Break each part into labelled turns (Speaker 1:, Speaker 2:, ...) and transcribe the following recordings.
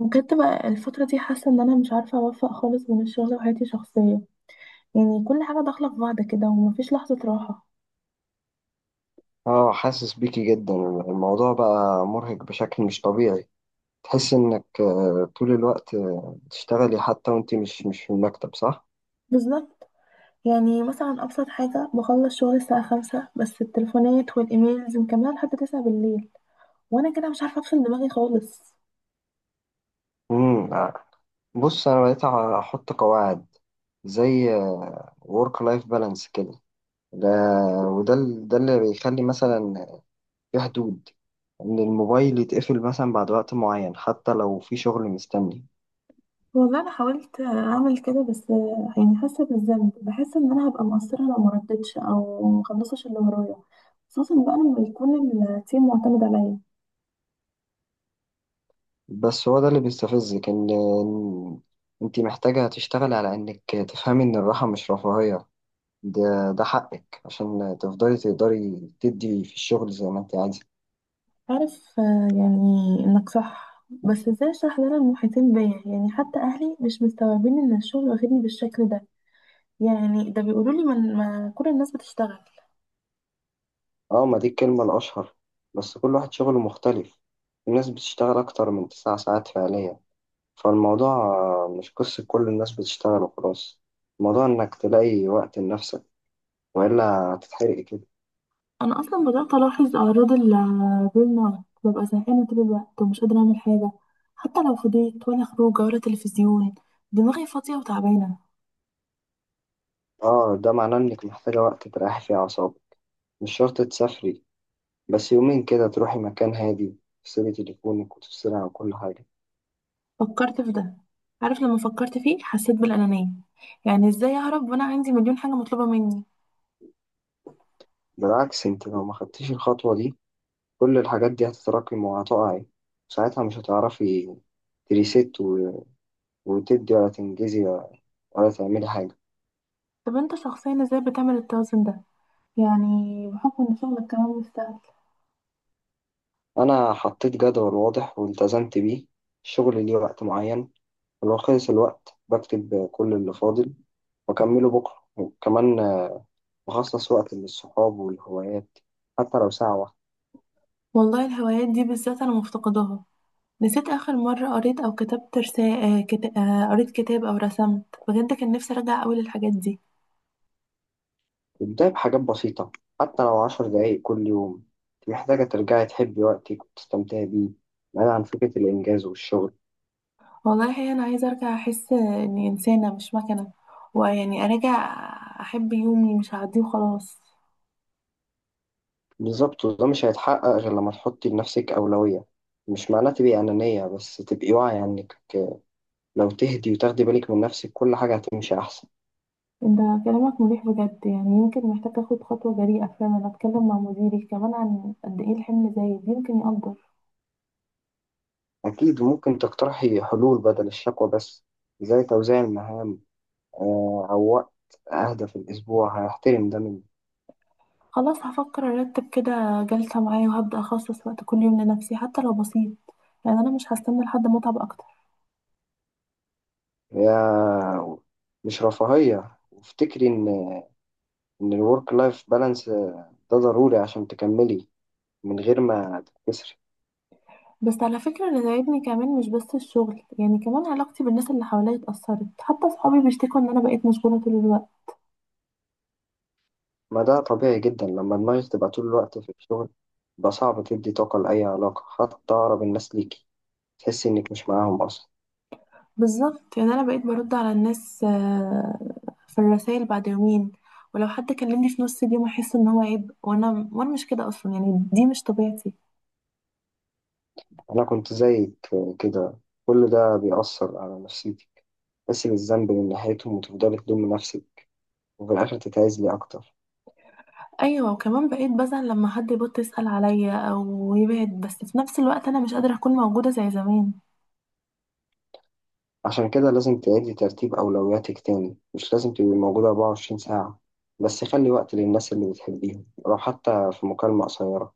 Speaker 1: بجد بقى الفترة دي حاسة ان انا مش عارفة اوفق خالص بين الشغل وحياتي الشخصية. يعني كل حاجة داخلة في بعض كده ومفيش لحظة راحة.
Speaker 2: اه، حاسس بيكي جدا. الموضوع بقى مرهق بشكل مش طبيعي. تحس انك طول الوقت بتشتغلي حتى وانت مش في المكتب، صح؟
Speaker 1: بالظبط. يعني مثلا ابسط حاجة، بخلص شغل الساعة 5 بس التليفونات والايميلز مكملة لحد 9 بالليل، وانا كده مش عارفة افصل دماغي خالص.
Speaker 2: امم آه. بص، انا بقيت احط قواعد، زي ورك لايف بالانس كده. ده ده اللي بيخلي مثلا في حدود، ان الموبايل يتقفل مثلا بعد وقت معين حتى لو في شغل مستني.
Speaker 1: والله انا حاولت اعمل كده بس يعني حاسة بالذنب، بحس ان انا هبقى مقصرة لو مردتش او مخلصش اللي ورايا، خصوصا بقى لما يكون التيم معتمد عليا.
Speaker 2: بس هو ده اللي بيستفزك. إن انت محتاجة تشتغل على انك تفهمي ان الراحة مش رفاهية. ده حقك عشان تفضلي تقدري تدي في الشغل زي ما انت عايزة.
Speaker 1: عارف يعني انك صح، بس ازاي اشرح لنا المحيطين بيا؟ يعني حتى اهلي مش مستوعبين ان الشغل واخدني بالشكل ده. يعني ده بيقولوا لي ما كل الناس بتشتغل.
Speaker 2: اه، ما دي الكلمة الأشهر، بس كل واحد شغله مختلف. الناس بتشتغل أكتر من تسع ساعات فعليا، فالموضوع مش قصة كل الناس بتشتغل وخلاص. الموضوع إنك تلاقي وقت لنفسك، وإلا هتتحرقي كده.
Speaker 1: انا اصلا بدات الاحظ اعراض البرن اوت، ببقى زهقانه طول الوقت ومش قادره اعمل حاجه، حتى لو فضيت، ولا خروجه ولا تلفزيون. دماغي فاضيه وتعبانه.
Speaker 2: اه، ده معناه إنك محتاجة وقت تريحي فيه أعصابك. مش شرط تسافري، بس يومين كده تروحي مكان هادي، تفصلي تليفونك وتفصلي عن كل حاجة.
Speaker 1: فكرت في ده. عارف لما فكرت فيه حسيت بالانانيه. يعني ازاي اهرب وانا عندي مليون حاجه مطلوبه مني؟
Speaker 2: بالعكس، انت لو ما خدتيش الخطوة دي، كل الحاجات دي هتتراكم وهتقعي. ساعتها مش هتعرفي تريست و- وتدي ولا تنجزي ولا تعملي حاجة.
Speaker 1: طب انت شخصيا ازاي بتعمل التوازن ده؟ يعني بحكم إن شغلك كمان مش سهل.
Speaker 2: أنا حطيت جدول واضح والتزمت بيه. الشغل ليه وقت معين، ولو خلص الوقت بكتب كل اللي فاضل وأكمله بكرة. وكمان بخصص وقت للصحاب والهوايات، حتى لو ساعة واحدة.
Speaker 1: والله الهوايات دي بالذات أنا مفتقداها. نسيت آخر مرة قريت أو كتبت رسالة كت... آه، قريت كتاب أو رسمت. بجد كان نفسي أرجع أوي للحاجات دي.
Speaker 2: ابدأي بحاجات بسيطة، حتى لو عشر دقايق كل يوم. أنت محتاجة ترجعي تحبي وقتك وتستمتعي بيه، بعيد عن فكرة الإنجاز والشغل.
Speaker 1: والله الحقيقة أنا عايزة أرجع أحس إني إنسانة مش مكنة، ويعني أرجع أحب يومي مش هعديه وخلاص.
Speaker 2: بالظبط، وده مش هيتحقق غير لما تحطي لنفسك أولوية. مش معناه تبقي أنانية، بس تبقي واعية إنك لو تهدي وتاخدي بالك من نفسك كل حاجة هتمشي أحسن.
Speaker 1: أنت كلامك مريح بجد. يعني يمكن محتاج أخد خطوة جريئة فعلا، أتكلم مع مديري كمان عن قد إيه الحمل زايد يمكن يقدر.
Speaker 2: أكيد، ممكن تقترحي حلول بدل الشكوى بس، زي توزيع المهام، أو وقت أهدى في الأسبوع. هيحترم ده مني.
Speaker 1: خلاص، هفكر ارتب كده جلسة معايا وهبدأ اخصص وقت كل يوم لنفسي حتى لو بسيط. يعني انا مش هستنى لحد ما اتعب اكتر.
Speaker 2: يا مش رفاهية، وافتكري إن الورك لايف بالانس ده ضروري عشان تكملي من غير ما تتكسري.
Speaker 1: بس على فكرة، اللي ضايقني كمان مش بس الشغل، يعني كمان علاقتي بالناس اللي حواليا اتأثرت، حتى صحابي بيشتكوا ان انا بقيت مشغولة طول الوقت.
Speaker 2: ما ده طبيعي جدا، لما دماغك تبقى طول الوقت في الشغل يبقى صعب تدي طاقة لأي علاقة، حتى أقرب الناس ليكي تحسي إنك مش معاهم أصلا.
Speaker 1: بالظبط. يعني انا بقيت برد على الناس في الرسائل بعد يومين، ولو حد كلمني في نص اليوم احس ان هو عيب، وانا مش كده اصلا. يعني دي مش طبيعتي.
Speaker 2: أنا كنت زيك كده. كل ده بيأثر على نفسيتك، تحسي بالذنب من ناحيتهم وتفضلي تلومي نفسك، وفي الآخر تتعزلي أكتر.
Speaker 1: ايوه، وكمان بقيت بزعل لما حد يبط يسأل عليا او يبعد، بس في نفس الوقت انا مش قادرة اكون موجودة زي زمان.
Speaker 2: عشان كده لازم تعيدي ترتيب أولوياتك تاني. مش لازم تبقي موجودة 24 ساعة، بس خلي وقت للناس اللي بتحبيهم، لو حتى في مكالمة قصيرة.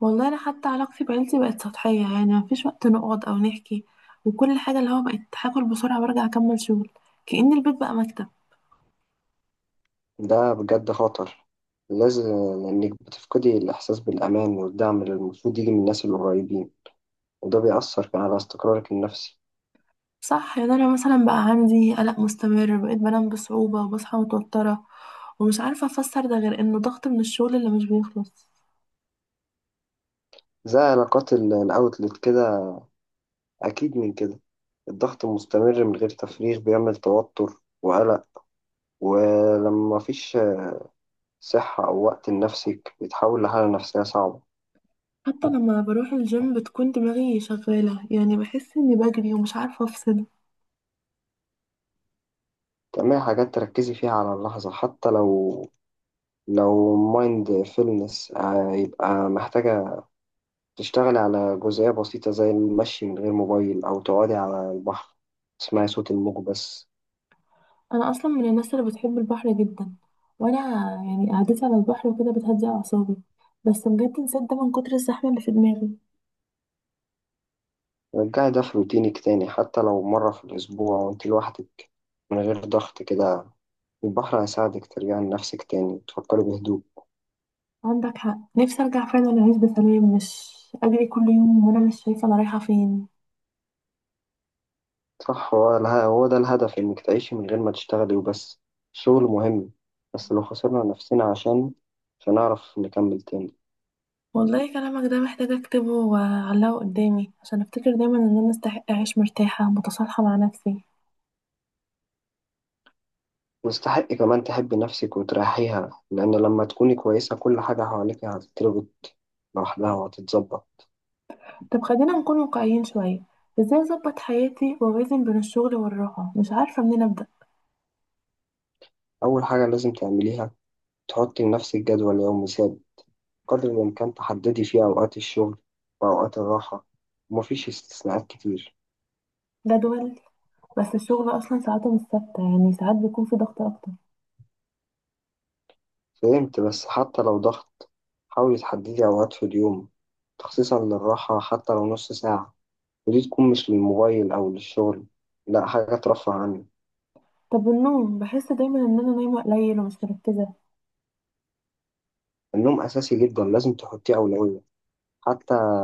Speaker 1: والله انا حتى علاقتي بعيلتي بقت سطحية. يعني مفيش وقت نقعد او نحكي، وكل حاجة اللي هو بقت هاكل بسرعة وارجع اكمل شغل. كأن البيت بقى مكتب.
Speaker 2: ده بجد خطر. لازم، إنك بتفقدي الإحساس بالأمان والدعم اللي المفروض يجي من الناس القريبين، وده بيأثر كمان على استقرارك النفسي.
Speaker 1: صح، يعني انا مثلا بقى عندي قلق مستمر، بقيت بنام بصعوبة وبصحى متوترة. ومش عارفة افسر ده غير انه ضغط من الشغل اللي مش بيخلص.
Speaker 2: زي علاقات الأوتلت كده. أكيد من كده، الضغط المستمر من غير تفريغ بيعمل توتر وقلق، ولما مفيش صحة أو وقت لنفسك بيتحول لحالة نفسية صعبة.
Speaker 1: حتى لما بروح الجيم بتكون دماغي شغالة، يعني بحس اني بجري ومش عارفة افصل.
Speaker 2: تعملي حاجات تركزي فيها على اللحظة، حتى لو مايند فيلنس. هيبقى محتاجة تشتغلي على جزئية بسيطة زي المشي من غير موبايل، أو تقعدي على البحر تسمعي صوت الموج بس.
Speaker 1: انا اصلا من الناس اللي بتحب البحر جدا، وانا يعني قعدتي على البحر وكده بتهدي اعصابي. بس بجد نسيت ده من كتر الزحمه اللي في دماغي.
Speaker 2: رجعي ده في روتينك تاني، حتى لو مرة في الأسبوع وأنت لوحدك، من غير ضغط كده. البحر هيساعدك ترجعي لنفسك تاني، تفكري بهدوء.
Speaker 1: عندك حق، نفسي ارجع فعلا اعيش بسلام، مش اجري كل يوم وانا مش شايفه انا رايحه فين.
Speaker 2: صح، هو ده الهدف، إنك تعيشي من غير ما تشتغلي وبس. الشغل مهم، بس لو خسرنا نفسنا عشان مش هنعرف نكمل تاني.
Speaker 1: والله كلامك ده محتاجه اكتبه واعلقه قدامي، عشان افتكر دايما ان انا استحق اعيش مرتاحه متصالحه مع نفسي.
Speaker 2: مستحق كمان تحبي نفسك وتريحيها، لأن لما تكوني كويسة كل حاجة حواليك هتتربط لوحدها وهتتظبط.
Speaker 1: طب خلينا نكون واقعيين شويه، ازاي اظبط حياتي واوازن بين الشغل والراحه؟ مش عارفه منين ابدا.
Speaker 2: أول حاجة لازم تعمليها، تحطي لنفسك جدول يومي ثابت، قدر الإمكان تحددي فيه أوقات الشغل وأوقات الراحة، ومفيش استثناءات كتير.
Speaker 1: جدول؟ بس الشغل اصلا ساعاته مش ثابته، يعني ساعات بيكون في ضغط اكتر.
Speaker 2: فهمت، بس حتى لو ضغط حاولي تحددي أوقات في اليوم تخصيصا للراحة، حتى لو نص ساعة، ودي تكون مش للموبايل أو للشغل، لأ حاجة ترفه عنك.
Speaker 1: طب النوم، بحس دايما ان انا نايمه قليل ومش مركزه.
Speaker 2: النوم أساسي جدا، لازم تحطيه أولوية. حتى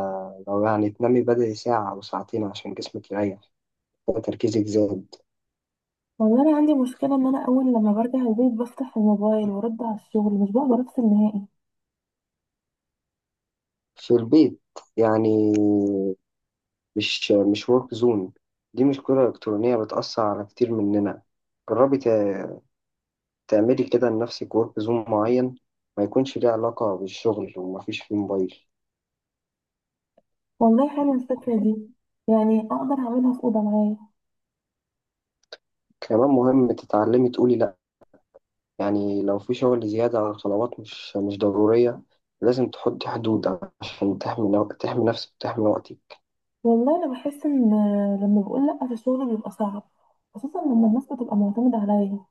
Speaker 2: لو يعني تنامي بدري ساعة أو ساعتين عشان جسمك يريح، تركيزك زاد.
Speaker 1: والله انا عندي مشكله، ان انا اول لما برجع البيت بفتح الموبايل وارد على الشغل، مش بقدر افصل نهائي.
Speaker 2: في البيت يعني مش ورك زون. دي مشكلة إلكترونية بتأثر على كتير مننا. جربي تعملي كده لنفسك ورك زون معين، ما يكونش ليه علاقة بالشغل ومفيش فيه موبايل.
Speaker 1: والله حلوه الفكره دي، يعني اقدر اعملها في اوضه معايا.
Speaker 2: كمان مهم تتعلمي تقولي لأ. يعني لو في شغل زيادة أو طلبات مش ضرورية، لازم تحطي حدود عشان تحمي نفسك وتحمي وقتك.
Speaker 1: والله انا بحس ان لما بقول لا في الشغل بيبقى صعب، خصوصا لما الناس بتبقى معتمده عليا.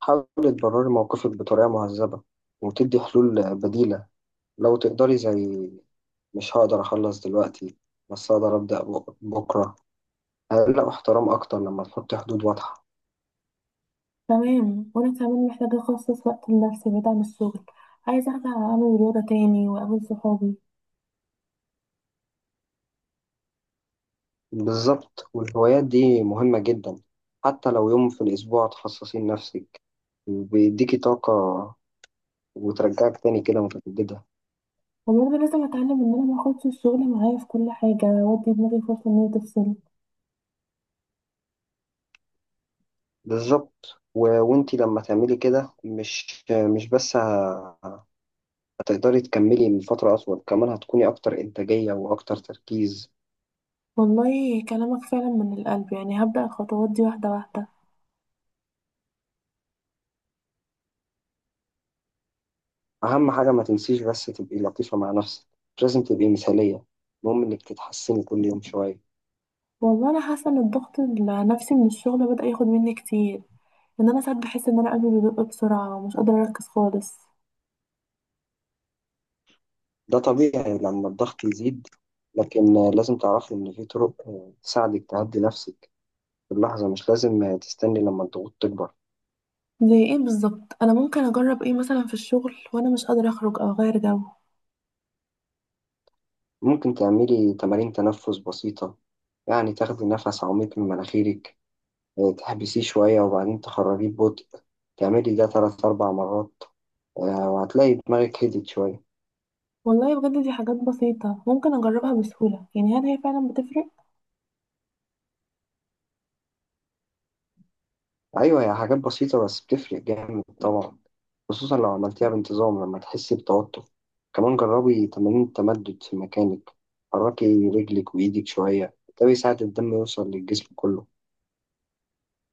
Speaker 2: حاولي تبرري موقفك بطريقة مهذبة، وتدي حلول بديلة لو تقدري، زي مش هقدر أخلص دلوقتي بس أقدر أبدأ بكرة. هيلاقوا احترام أكتر لما تحطي حدود واضحة.
Speaker 1: تمام، وانا كمان محتاجه اخصص وقت لنفسي بعيد عن الشغل. عايزه ارجع اعمل رياضه تاني واقابل صحابي.
Speaker 2: بالظبط، والهوايات دي مهمة جدا. حتى لو يوم في الأسبوع تخصصي لنفسك، بيديكي طاقة وترجعك تاني كده متجددة.
Speaker 1: وبرضه لازم اتعلم ان انا ما اخدش الشغل معايا في كل حاجه، وادي دماغي فرصه ان هي تفصل.
Speaker 2: بالظبط، وانتي لما تعملي كده مش بس هتقدري تكملي من فترة أطول، كمان هتكوني أكتر إنتاجية وأكتر تركيز.
Speaker 1: والله كلامك فعلا من القلب، يعني هبدا الخطوات دي واحده واحده.
Speaker 2: أهم حاجة ما تنسيش، بس تبقي لطيفة مع نفسك. مش لازم تبقي مثالية، المهم إنك تتحسني كل يوم شوية.
Speaker 1: والله انا حاسه ان الضغط النفسي من الشغل بدا ياخد مني كتير، ان انا ساعات بحس ان انا قلبي بيدق بسرعه ومش قادره اركز خالص.
Speaker 2: ده طبيعي لما الضغط يزيد، لكن لازم تعرفي إن في طرق تساعدك تهدي نفسك في اللحظة. مش لازم تستني لما الضغوط تكبر.
Speaker 1: زي ايه بالظبط؟ انا ممكن اجرب ايه مثلا في الشغل وانا مش قادره اخرج او اغير جو؟
Speaker 2: ممكن تعملي تمارين تنفس بسيطة. يعني تاخدي نفس عميق من مناخيرك، تحبسيه شوية وبعدين تخرجيه ببطء. تعملي ده تلات أربع مرات، وهتلاقي دماغك هدت شوية.
Speaker 1: والله بجد دي حاجات بسيطه ممكن اجربها بسهوله، يعني هل هي فعلا بتفرق؟
Speaker 2: أيوة، هي حاجات بسيطة بس بتفرق جامد طبعا، خصوصا لو عملتيها بانتظام لما تحسي بتوتر. كمان جربي تمارين التمدد في مكانك، حركي رجلك وإيدك شوية. ده بيساعد الدم يوصل للجسم كله.